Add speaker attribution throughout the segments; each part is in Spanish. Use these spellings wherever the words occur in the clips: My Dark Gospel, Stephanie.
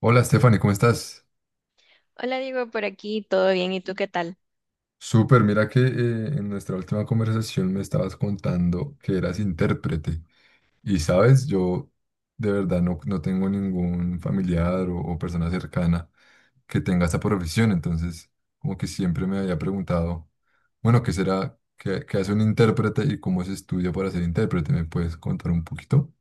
Speaker 1: Hola Stephanie, ¿cómo estás?
Speaker 2: Hola, digo por aquí, ¿todo bien? ¿Y tú qué tal?
Speaker 1: Súper, mira que en nuestra última conversación me estabas contando que eras intérprete y sabes, yo de verdad no tengo ningún familiar o persona cercana que tenga esta profesión, entonces como que siempre me había preguntado, bueno, ¿qué será, qué hace un intérprete y cómo se estudia para ser intérprete? ¿Me puedes contar un poquito?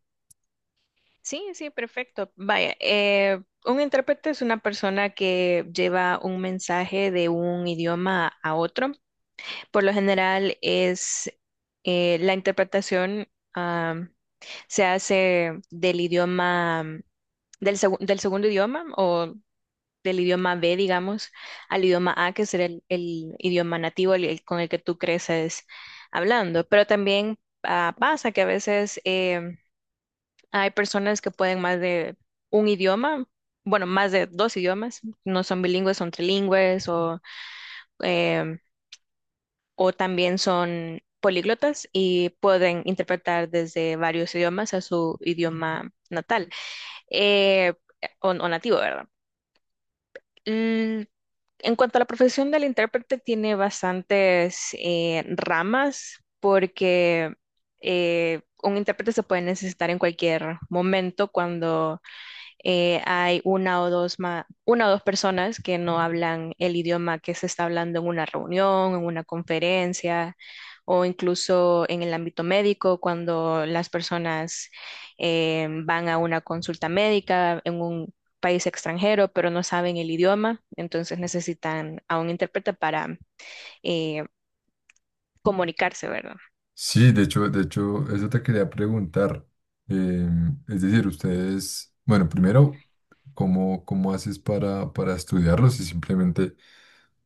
Speaker 2: Sí, sí, perfecto. Vaya, un intérprete es una persona que lleva un mensaje de un idioma a otro. Por lo general es la interpretación am, se hace del idioma, del segundo idioma o del idioma B, digamos, al idioma A, que será el idioma nativo el con el que tú creces hablando. Pero también pasa que a veces, hay personas que pueden más de un idioma, bueno, más de dos idiomas, no son bilingües, son trilingües em, o también son políglotas y pueden interpretar desde varios idiomas a su idioma natal, eh, o nativo, ¿verdad? Mm, en cuanto a la profesión del intérprete, tiene bastantes ramas porque un intérprete se puede necesitar en cualquier momento cuando hay una o dos personas que no hablan el idioma que se está hablando en una reunión, en una conferencia o incluso en el ámbito médico, cuando las personas van a una consulta médica en un país extranjero, pero no saben el idioma, entonces necesitan a un intérprete para eh, comunicarse, ¿verdad?
Speaker 1: Sí, de hecho, eso te quería preguntar. Es decir, ustedes, bueno, primero, ¿cómo, cómo haces para estudiarlos? Y simplemente,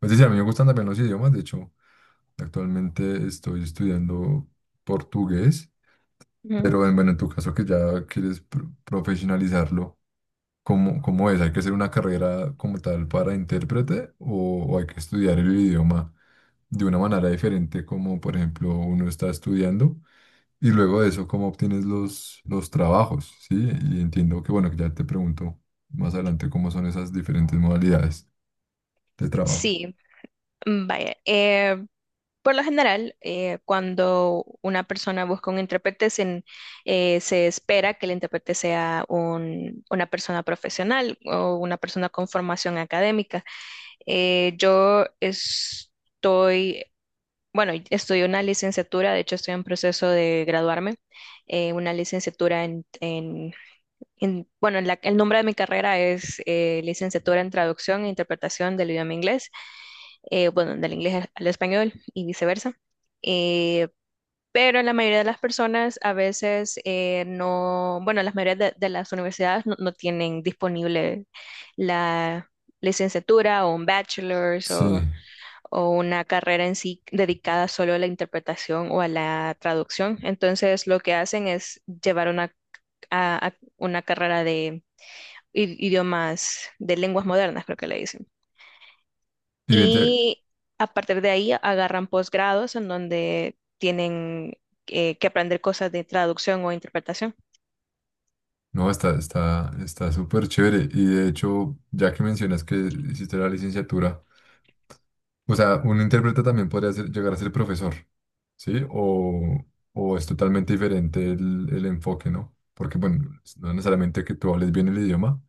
Speaker 1: es decir, a mí me gustan también los idiomas, de hecho, actualmente estoy estudiando portugués,
Speaker 2: Ujú.
Speaker 1: pero bueno, en tu caso que ya quieres profesionalizarlo, ¿cómo, cómo es? ¿Hay que hacer una carrera como tal para intérprete o hay que estudiar el idioma de una manera diferente como, por ejemplo, uno está estudiando? Y luego de eso, ¿cómo obtienes los trabajos? Sí, y entiendo que, bueno, que ya te pregunto más adelante cómo son esas diferentes modalidades de trabajo.
Speaker 2: Sí, vaya. Por lo general, cuando una persona busca un intérprete, se espera que el intérprete sea una persona profesional o una persona con formación académica. Eh, yo estoy, bueno, estudio una licenciatura, de hecho estoy en proceso de graduarme, una licenciatura en, bueno, el nombre de mi carrera es licenciatura en traducción e interpretación del idioma inglés, bueno, del inglés al español y viceversa. Eh, pero la mayoría de las personas a veces no, bueno, las mayoría de las universidades no tienen disponible la licenciatura o un bachelor's
Speaker 1: Sí,
Speaker 2: o una carrera en sí dedicada solo a la interpretación o a la traducción. Entonces, lo que hacen es llevar una carrera de idiomas, de lenguas modernas, creo que le dicen.
Speaker 1: y vente,
Speaker 2: Y a partir de ahí agarran posgrados en donde tienen que aprender cosas de traducción o interpretación.
Speaker 1: no, está, está, está súper chévere. Y de hecho, ya que mencionas que hiciste la licenciatura, o sea, un intérprete también podría llegar a ser profesor, ¿sí? O es totalmente diferente el enfoque, ¿no? Porque, bueno, no necesariamente que tú hables bien el idioma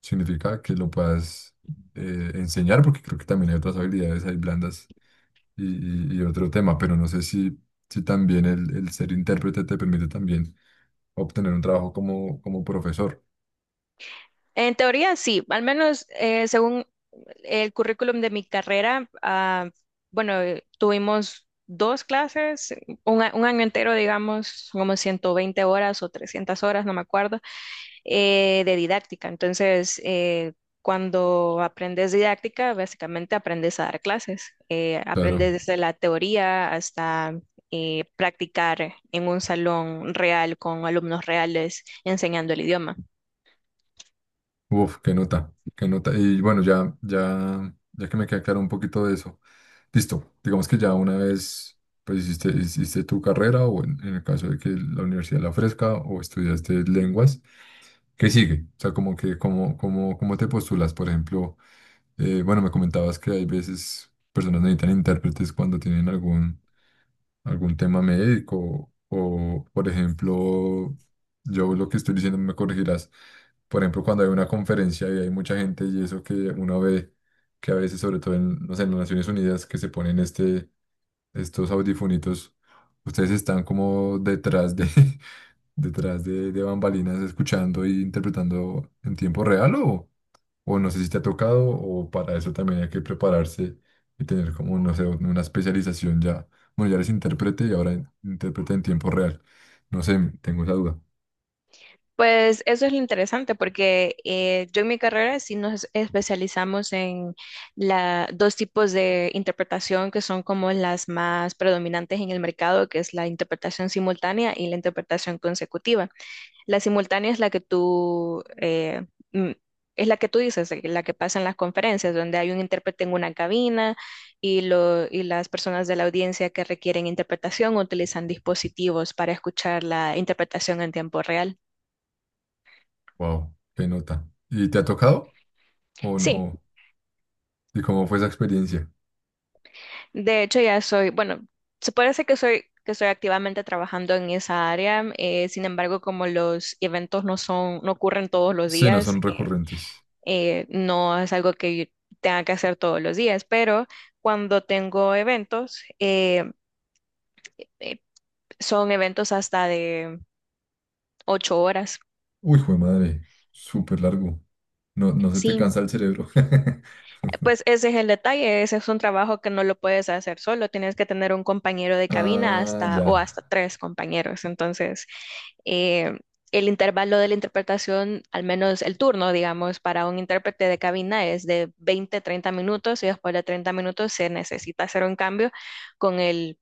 Speaker 1: significa que lo puedas enseñar, porque creo que también hay otras habilidades, hay blandas y, y otro tema, pero no sé si, si también el ser intérprete te permite también obtener un trabajo como, como profesor.
Speaker 2: En teoría, sí, al menos según el currículum de mi carrera, bueno, tuvimos dos clases, un año entero, digamos, como 120 horas o 300 horas, no me acuerdo, de didáctica. Entonces, cuando aprendes didáctica, básicamente aprendes a dar clases. Aprendes
Speaker 1: Claro,
Speaker 2: desde la teoría hasta practicar en un salón real con alumnos reales enseñando el idioma.
Speaker 1: uf, qué nota, qué nota. Y bueno, ya, ya, ya que me queda claro un poquito de eso, listo, digamos que ya una vez... Pues hiciste, hiciste tu carrera o en el caso de que la universidad la ofrezca o estudiaste lenguas, ¿qué sigue? O sea, como que, como, como, ¿cómo te postulas? Por ejemplo, bueno, me comentabas que hay veces personas necesitan intérpretes cuando tienen algún, algún tema médico o, por ejemplo, yo lo que estoy diciendo me corregirás. Por ejemplo, cuando hay una conferencia y hay mucha gente y eso que uno ve que a veces, sobre todo en, no sé, en las Naciones Unidas, que se ponen este, estos audifunitos, ustedes están como detrás de, detrás de bambalinas escuchando e interpretando en tiempo real o no sé si te ha tocado, o para eso también hay que prepararse y tener como, no sé, una especialización ya. Bueno, ya eres intérprete y ahora intérprete en tiempo real. No sé, tengo esa duda.
Speaker 2: Pues eso es lo interesante porque yo en mi carrera sí nos especializamos en dos tipos de interpretación que son como las más predominantes en el mercado, que es la interpretación simultánea y la interpretación consecutiva. La simultánea es la mm, que tú dices, la que pasa en las conferencias, donde hay un intérprete en una cabina y las personas de la audiencia que requieren interpretación utilizan dispositivos para escuchar la interpretación en tiempo real.
Speaker 1: Wow, qué nota. ¿Y te ha tocado o
Speaker 2: Sí,
Speaker 1: no? ¿Y cómo fue esa experiencia?
Speaker 2: de hecho bueno, se puede decir que estoy activamente trabajando en esa área, sin embargo, como los eventos no ocurren todos los
Speaker 1: Sí, no
Speaker 2: días,
Speaker 1: son recurrentes.
Speaker 2: no es algo que yo tenga que hacer todos los días, pero cuando tengo eventos, eh, son eventos hasta de 8 horas.
Speaker 1: Uy, jue madre, súper largo. No, no se te
Speaker 2: Sí,
Speaker 1: cansa el cerebro.
Speaker 2: pues ese es el detalle, ese es un trabajo que no lo puedes hacer solo, tienes que tener un compañero de cabina
Speaker 1: Ah,
Speaker 2: hasta
Speaker 1: ya.
Speaker 2: o hasta tres compañeros. Entonces, eh, el intervalo de la interpretación, al menos el turno, digamos, para un intérprete de cabina es de 20, 30 minutos y después de 30 minutos se necesita hacer un cambio con el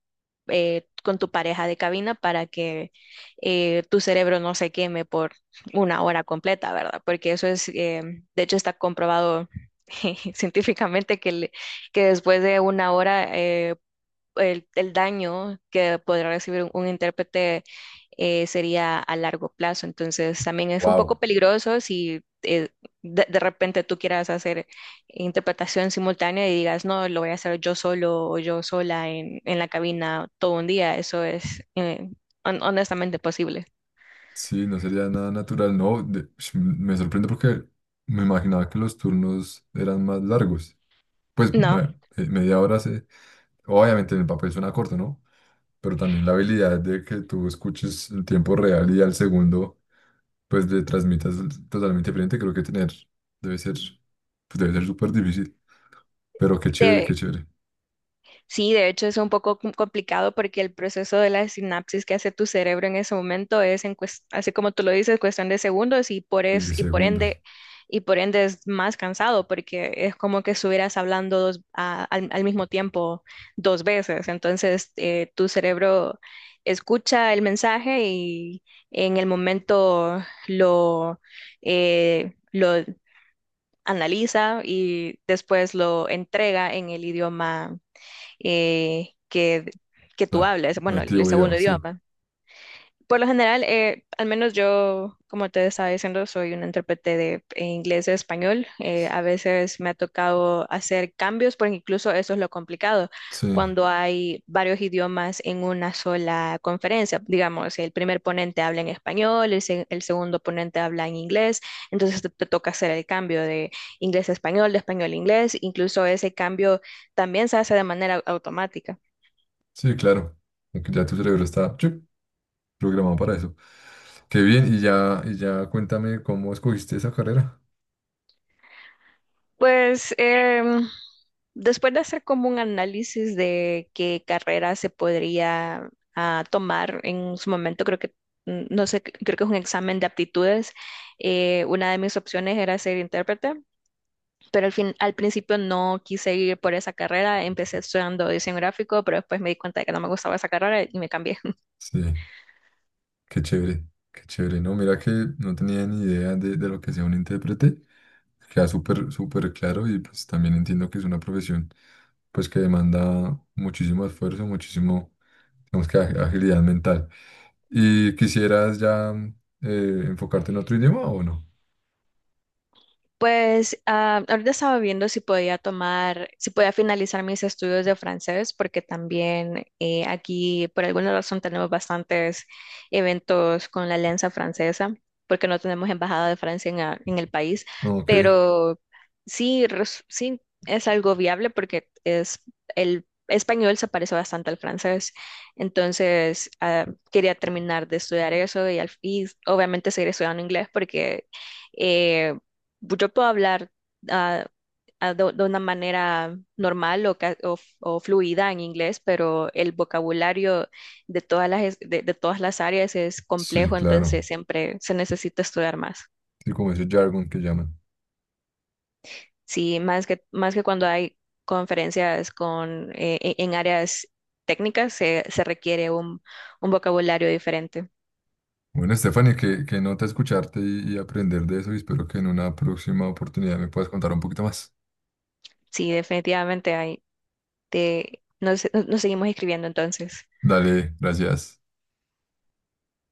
Speaker 2: con tu pareja de cabina para que tu cerebro no se queme por 1 hora completa, ¿verdad? Porque eso es, de hecho, está comprobado científicamente que después de 1 hora, el daño que podrá recibir un intérprete sería a largo plazo. Entonces también es un poco
Speaker 1: Wow.
Speaker 2: peligroso si de repente tú quieras hacer interpretación simultánea y digas, no, lo voy a hacer yo solo o yo sola en la cabina todo un día. Eso es, honestamente posible.
Speaker 1: Sí, no sería nada natural, no. Me sorprende porque me imaginaba que los turnos eran más largos. Pues,
Speaker 2: No.
Speaker 1: bueno, media hora se... Obviamente en el papel suena corto, ¿no? Pero también la habilidad de que tú escuches en tiempo real y al segundo, pues le transmitas totalmente diferente, creo que tener debe ser, pues debe ser súper difícil. Pero qué chévere, qué
Speaker 2: de-
Speaker 1: chévere.
Speaker 2: Sí, de hecho es un poco complicado porque el proceso de la sinapsis que hace tu cerebro en ese momento es así como tú lo dices, cuestión de segundos y por es-
Speaker 1: Milisegundos.
Speaker 2: y por ende es más cansado porque es como que estuvieras hablando al mismo tiempo dos veces. Entonces, tu cerebro escucha el mensaje y en el momento lo lo analiza y después lo entrega en el idioma, eh, que, que tú
Speaker 1: nat-
Speaker 2: hablas, bueno, el
Speaker 1: Nativo,
Speaker 2: segundo
Speaker 1: digamos, sí.
Speaker 2: idioma. Por lo general, al menos yo, como te estaba diciendo, soy un intérprete de inglés y español. A veces me ha tocado hacer cambios, porque incluso eso es lo complicado,
Speaker 1: Sí,
Speaker 2: cuando hay varios idiomas en una sola conferencia. Digamos, el primer ponente habla en español, el segundo ponente habla en inglés, entonces te toca hacer el cambio de inglés a español, de español a inglés. Incluso ese cambio también se hace de manera automática.
Speaker 1: sí, claro. Aunque ya tu cerebro está... chup, programado para eso. Qué bien, y ya cuéntame cómo escogiste esa carrera.
Speaker 2: Pues después de hacer como un análisis de qué carrera se podría tomar en su momento, no sé, creo que es un examen de aptitudes, una de mis opciones era ser intérprete, pero al principio no quise ir por esa carrera, empecé estudiando diseño gráfico, pero después me di cuenta de que no me gustaba esa carrera y me cambié.
Speaker 1: Sí, qué chévere, qué chévere. No, mira que no tenía ni idea de lo que sea un intérprete. Queda súper, súper claro y pues también entiendo que es una profesión pues que demanda muchísimo esfuerzo, muchísimo, digamos que agilidad mental. ¿Y quisieras ya enfocarte en otro idioma o no?
Speaker 2: Pues ahorita estaba viendo si podía finalizar mis estudios de francés, porque también aquí por alguna razón tenemos bastantes eventos con la Alianza Francesa, porque no tenemos embajada de Francia en el país,
Speaker 1: Ok,
Speaker 2: pero sí es algo viable porque es el español se parece bastante al francés, entonces quería terminar de estudiar eso y obviamente seguir estudiando inglés porque... eh, yo puedo hablar, ah, de una manera normal o, ca- o f- o fluida en inglés, pero el vocabulario de todas las áreas es
Speaker 1: sí,
Speaker 2: complejo,
Speaker 1: claro.
Speaker 2: entonces siempre se necesita estudiar más.
Speaker 1: Sí, como ese jargon que llaman.
Speaker 2: Sí, más que cuando hay conferencias en áreas técnicas, se requiere un vocabulario diferente.
Speaker 1: Bueno, Stephanie, qué, qué nota escucharte y aprender de eso y espero que en una próxima oportunidad me puedas contar un poquito más.
Speaker 2: Sí, definitivamente hay. Nos seguimos escribiendo entonces.
Speaker 1: Dale, gracias.